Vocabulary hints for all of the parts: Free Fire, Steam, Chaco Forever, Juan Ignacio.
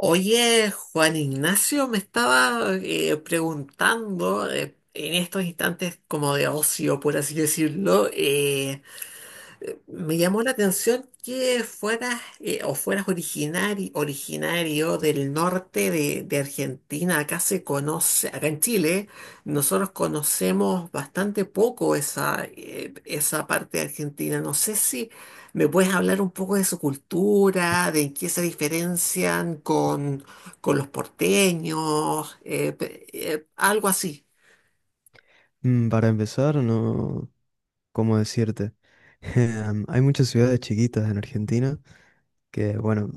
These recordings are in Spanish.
Oye, Juan Ignacio, me estaba preguntando en estos instantes como de ocio, por así decirlo, me llamó la atención que fueras o originario del norte de Argentina. Acá se conoce, acá en Chile, nosotros conocemos bastante poco esa, esa parte de Argentina. No sé si me puedes hablar un poco de su cultura, de en qué se diferencian con los porteños, algo así. Para empezar, no, ¿cómo decirte? Hay muchas ciudades chiquitas en Argentina que, bueno,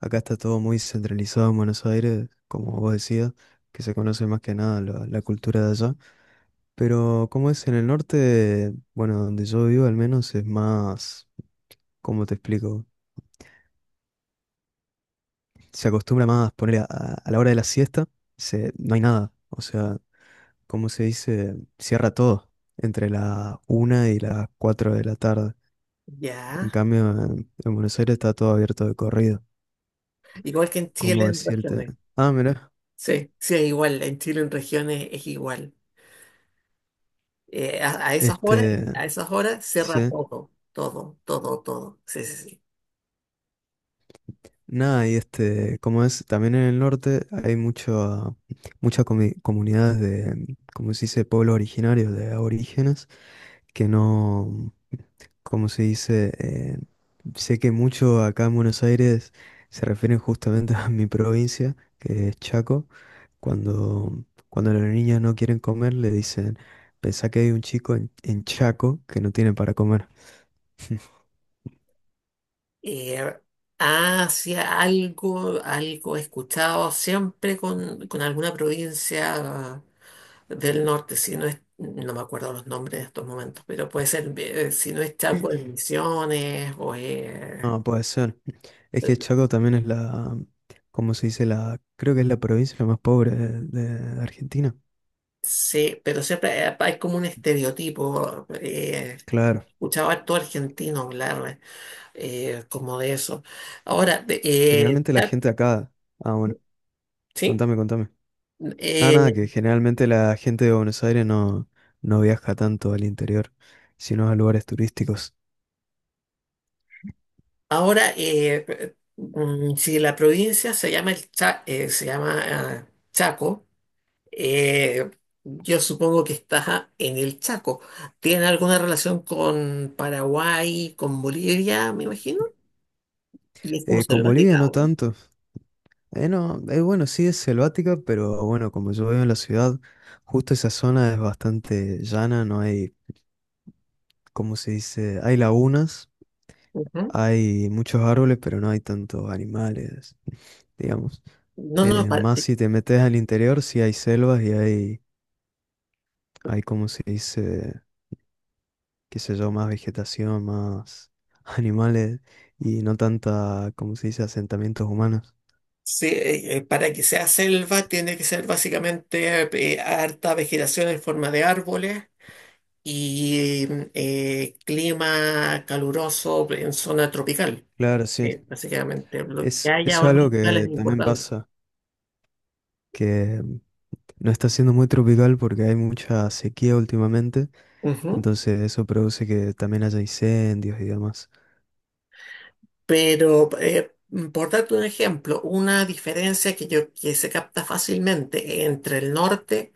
acá está todo muy centralizado en Buenos Aires, como vos decías, que se conoce más que nada la cultura de allá. Pero como es en el norte, bueno, donde yo vivo al menos es más, ¿cómo te explico? Se acostumbra más poner a la hora de la siesta, no hay nada, o sea, ¿cómo se dice? Cierra todo entre las una y las 4 de la tarde. En Ya, cambio, en Buenos Aires está todo abierto de corrido. igual que en Chile ¿Cómo en decirte? región. Ah, mira, Sí, sí, es igual, en Chile en regiones es igual. Eh, a, a esas horas, este, a esas horas sí, cierra todo, todo, todo, todo. Sí, sí, sí. nada, y este, como es, también en el norte hay muchas comunidades de, como se dice, pueblos originarios, de aborígenes, que no, como se dice, sé que mucho acá en Buenos Aires se refieren justamente a mi provincia, que es Chaco. Cuando los niños no quieren comer, le dicen, pensá que hay un chico en, Chaco que no tiene para comer. Eh, hacia algo, algo he escuchado siempre con alguna provincia del norte, si no es, no me acuerdo los nombres en estos momentos, pero puede ser, si no es Chaco, en Misiones o No, puede ser. Es que Chaco también es la, ¿cómo se dice? La, creo que es la provincia más pobre de Argentina. sí, pero siempre hay como un estereotipo. Claro. Escuchaba a todo argentino hablar, como de eso. Ahora, Generalmente la ah, gente acá. Ah, bueno, sí, contame, contame. Ah, nada, eh, que generalmente la gente de Buenos Aires no, no viaja tanto al interior, sino a lugares turísticos. Si la provincia se llama se llama Chaco, eh, yo supongo que está en el Chaco. ¿Tiene alguna relación con Paraguay, con Bolivia, me imagino? Y es como Con Bolivia selvática, no ¿o tanto. No, bueno, sí es selvática, pero bueno, como yo veo en la ciudad, justo esa zona es bastante llana, no hay, ¿cómo se dice? Hay lagunas, no? Ujú. hay muchos árboles, pero no hay tantos animales, digamos. No, no, para, Más si te metes al interior, sí hay selvas y hay, ¿cómo se dice? Qué sé yo, más vegetación, más animales y no tanta, ¿cómo se dice? Asentamientos humanos. sí, para que sea selva tiene que ser básicamente harta vegetación en forma de árboles y clima caluroso en zona tropical. Claro, sí. Básicamente, lo que haya Eso o es no algo es que también importante. pasa. Que No está siendo muy tropical porque hay mucha sequía últimamente, Ujú. entonces eso produce que también haya incendios y demás. Pero, por darte un ejemplo, una diferencia que, yo, que se capta fácilmente entre el norte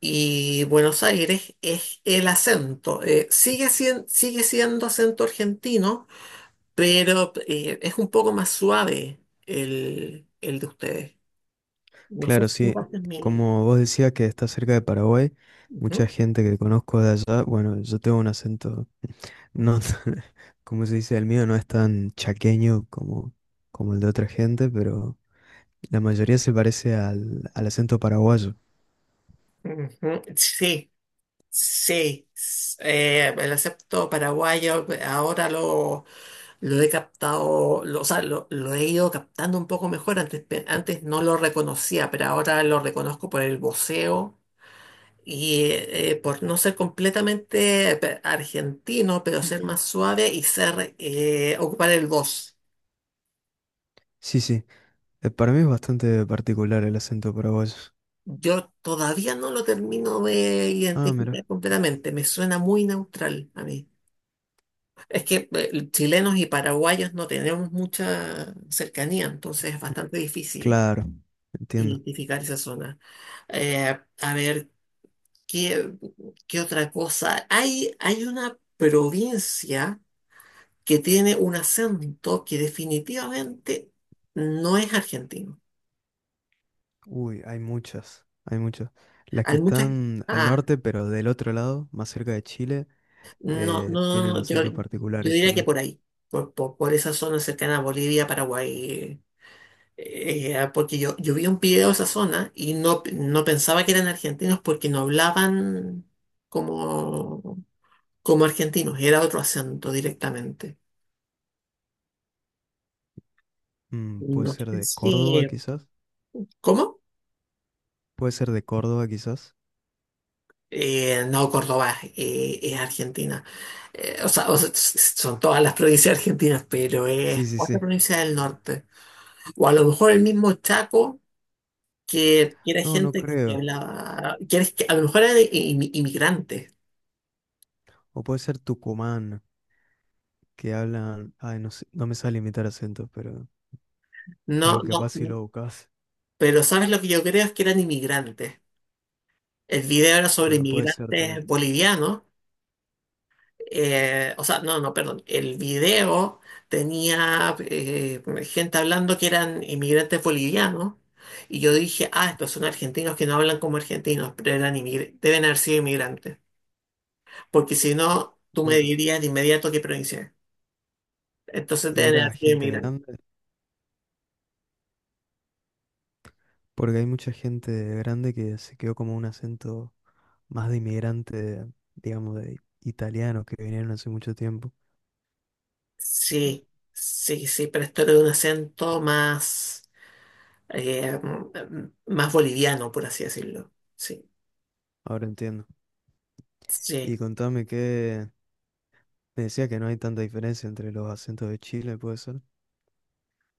y Buenos Aires es el acento. Sigue siendo acento argentino, pero es un poco más suave el de ustedes. No sé Claro, si sí, compartes mi... como vos decías que está cerca de Paraguay, mucha Ujú. gente que conozco de allá, bueno, yo tengo un acento, no, como se dice, el mío no es tan chaqueño como, el de otra gente, pero la mayoría se parece al acento paraguayo. Ujú, sí, sí. El acepto paraguayo ahora lo he captado, lo, o sea, lo he ido captando un poco mejor. Antes, antes no lo reconocía, pero ahora lo reconozco por el voceo y por no ser completamente argentino, pero ser más suave y ser ocupar el voz. Sí, sí, para mí es bastante particular el acento paraguayo. Yo todavía no lo termino de Ah, mira, identificar completamente. Me suena muy neutral a mí. Es que chilenos y paraguayos no tenemos mucha cercanía, entonces es bastante difícil claro, entiendo. identificar esa zona. A ver, ¿qué, qué otra cosa? Hay una provincia que tiene un acento que definitivamente no es argentino. Uy, hay muchas, hay muchas. Las que Hay muchas... están al Ah, norte, pero del otro lado, más cerca de Chile, no, no, no, tienen no, yo, acentos yo particulares diría que también. por ahí, por esa zona cercana a Bolivia, Paraguay. Era porque yo vi un video de esa zona y no, no pensaba que eran argentinos porque no hablaban como, como argentinos, era otro acento directamente. Puede No ser sé de si... Córdoba, quizás. ¿Cómo? Puede ser de Córdoba, quizás. No, Córdoba es Argentina. O sea, o sea, son todas las provincias argentinas, pero es Sí, sí, otra sí. provincia del norte. O a lo mejor el mismo Chaco, que era No, no gente que creo. hablaba, que, que a lo mejor eran inmigrantes. O puede ser Tucumán, que hablan. Ay, no sé, no me sale imitar acentos, pero, No, pero capaz no. si lo buscas. Pero ¿sabes lo que yo creo? Es que eran inmigrantes. El video era sobre Bueno, puede ser también. inmigrantes bolivianos. O sea, no, no, perdón. El video tenía gente hablando que eran inmigrantes bolivianos. Y yo dije, ah, estos son argentinos que no hablan como argentinos, pero eran deben haber sido inmigrantes. Porque si no, tú me Bueno, dirías de inmediato qué provincia es. Entonces y deben haber era sido gente inmigrantes. grande, porque hay mucha gente grande que se quedó como un acento más de inmigrante, digamos, de italianos que vinieron hace mucho tiempo. Sí, sí, sí, pero esto era de un acento más. eh, Más boliviano, por así decirlo. Sí, Ahora entiendo. sí. Y contame que me decía que no hay tanta diferencia entre los acentos de Chile, ¿puede ser?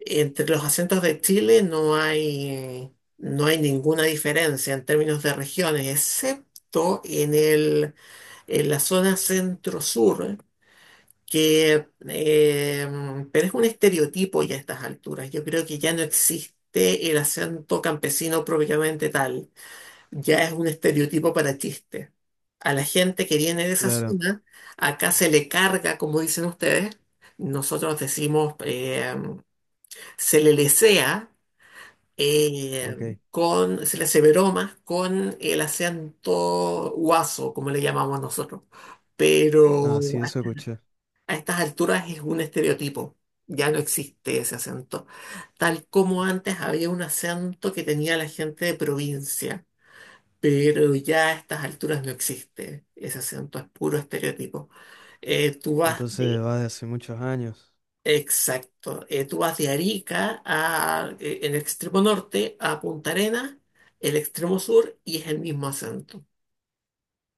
Entre los acentos de Chile no hay, no hay ninguna diferencia en términos de regiones, excepto en en la zona centro-sur, que, pero es un estereotipo ya a estas alturas. Yo creo que ya no existe el acento campesino propiamente tal. Ya es un estereotipo para chiste. A la gente que viene de esa Claro, zona, acá se le carga, como dicen ustedes, nosotros decimos, se le lesea eh, ok. con, se le hace bromas con el acento guaso, como le llamamos nosotros. Pero Ah, sí, eso escuché. a estas alturas es un estereotipo. Ya no existe ese acento. Tal como antes había un acento que tenía la gente de provincia, pero ya a estas alturas no existe. Ese acento es puro estereotipo. Eh, tú vas Entonces de, va de hace muchos años. exacto, tú vas de Arica a, en el extremo norte, a Punta Arenas, el extremo sur, y es el mismo acento.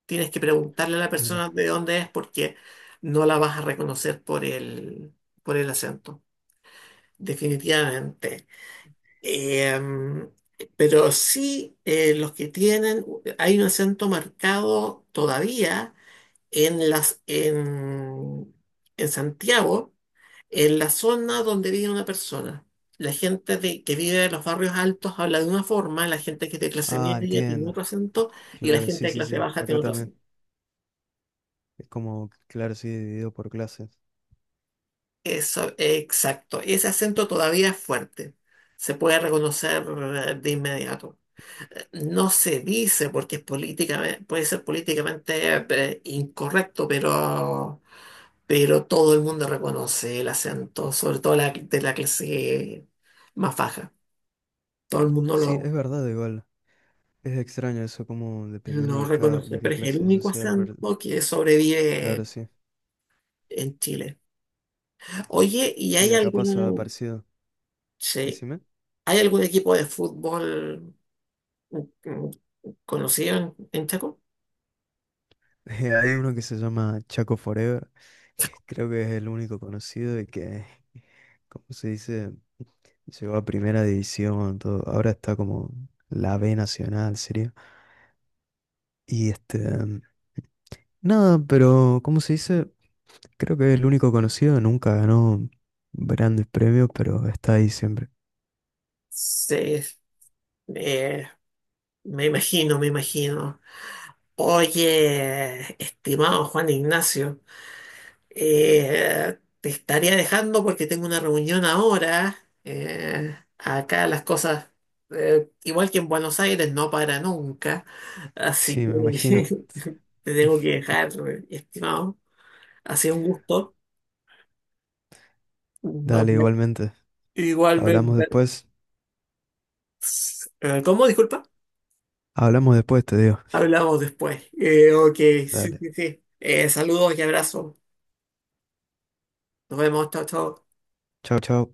Tienes que preguntarle a la Mira. persona de dónde es porque no la vas a reconocer por el acento, definitivamente. Em, pero sí, los que tienen, hay un acento marcado todavía en las en, en Santiago, en la zona donde vive una persona. Que vive en los barrios altos habla de una forma, la gente que es de clase Ah, media tiene entiendo. otro acento y la Claro, sí, gente de sí, clase sí. baja Acá tiene otro también. acento. Es como, claro, sí, dividido por clases. Eso, exacto. Ese acento todavía es fuerte. Se puede reconocer de inmediato. No se dice porque es políticamente, puede ser políticamente incorrecto, pero todo el mundo reconoce el acento, sobre todo la, de la clase más baja. Todo el mundo Sí, es verdad, igual. Es extraño eso, como dependiendo lo de cada, reconoce, de qué pero es el clase único social. acento que sobrevive Claro, sí. en Chile. Oye, ¿y Sí, hay acá pasa algún, parecido. sí, Decime. ¿hay algún equipo de fútbol, mm, conocido en Chaco? Hay uno que se llama Chaco Forever, que creo que es el único conocido y que, como se dice, llegó a primera división, todo. Ahora está como la B nacional, sería. Y este, nada, pero ¿cómo se dice? Creo que es el único conocido, nunca ganó grandes premios, pero está ahí siempre. Sí, eh, me imagino, me imagino. Oye, estimado Juan Ignacio. Te estaría dejando porque tengo una reunión ahora. Acá las cosas, igual que en Buenos Aires, no para nunca. Así Sí, me imagino. que te tengo que dejar, estimado. Ha sido un gusto. Nos Dale, vemos. igualmente. Hablamos Igualmente. después. ¿Cómo? Disculpa. Hablamos después, te digo. Hablamos después. Ok, sí, Dale. sí, sí. Saludos y abrazos. Nos vemos. Chao, chao. Chao, chao.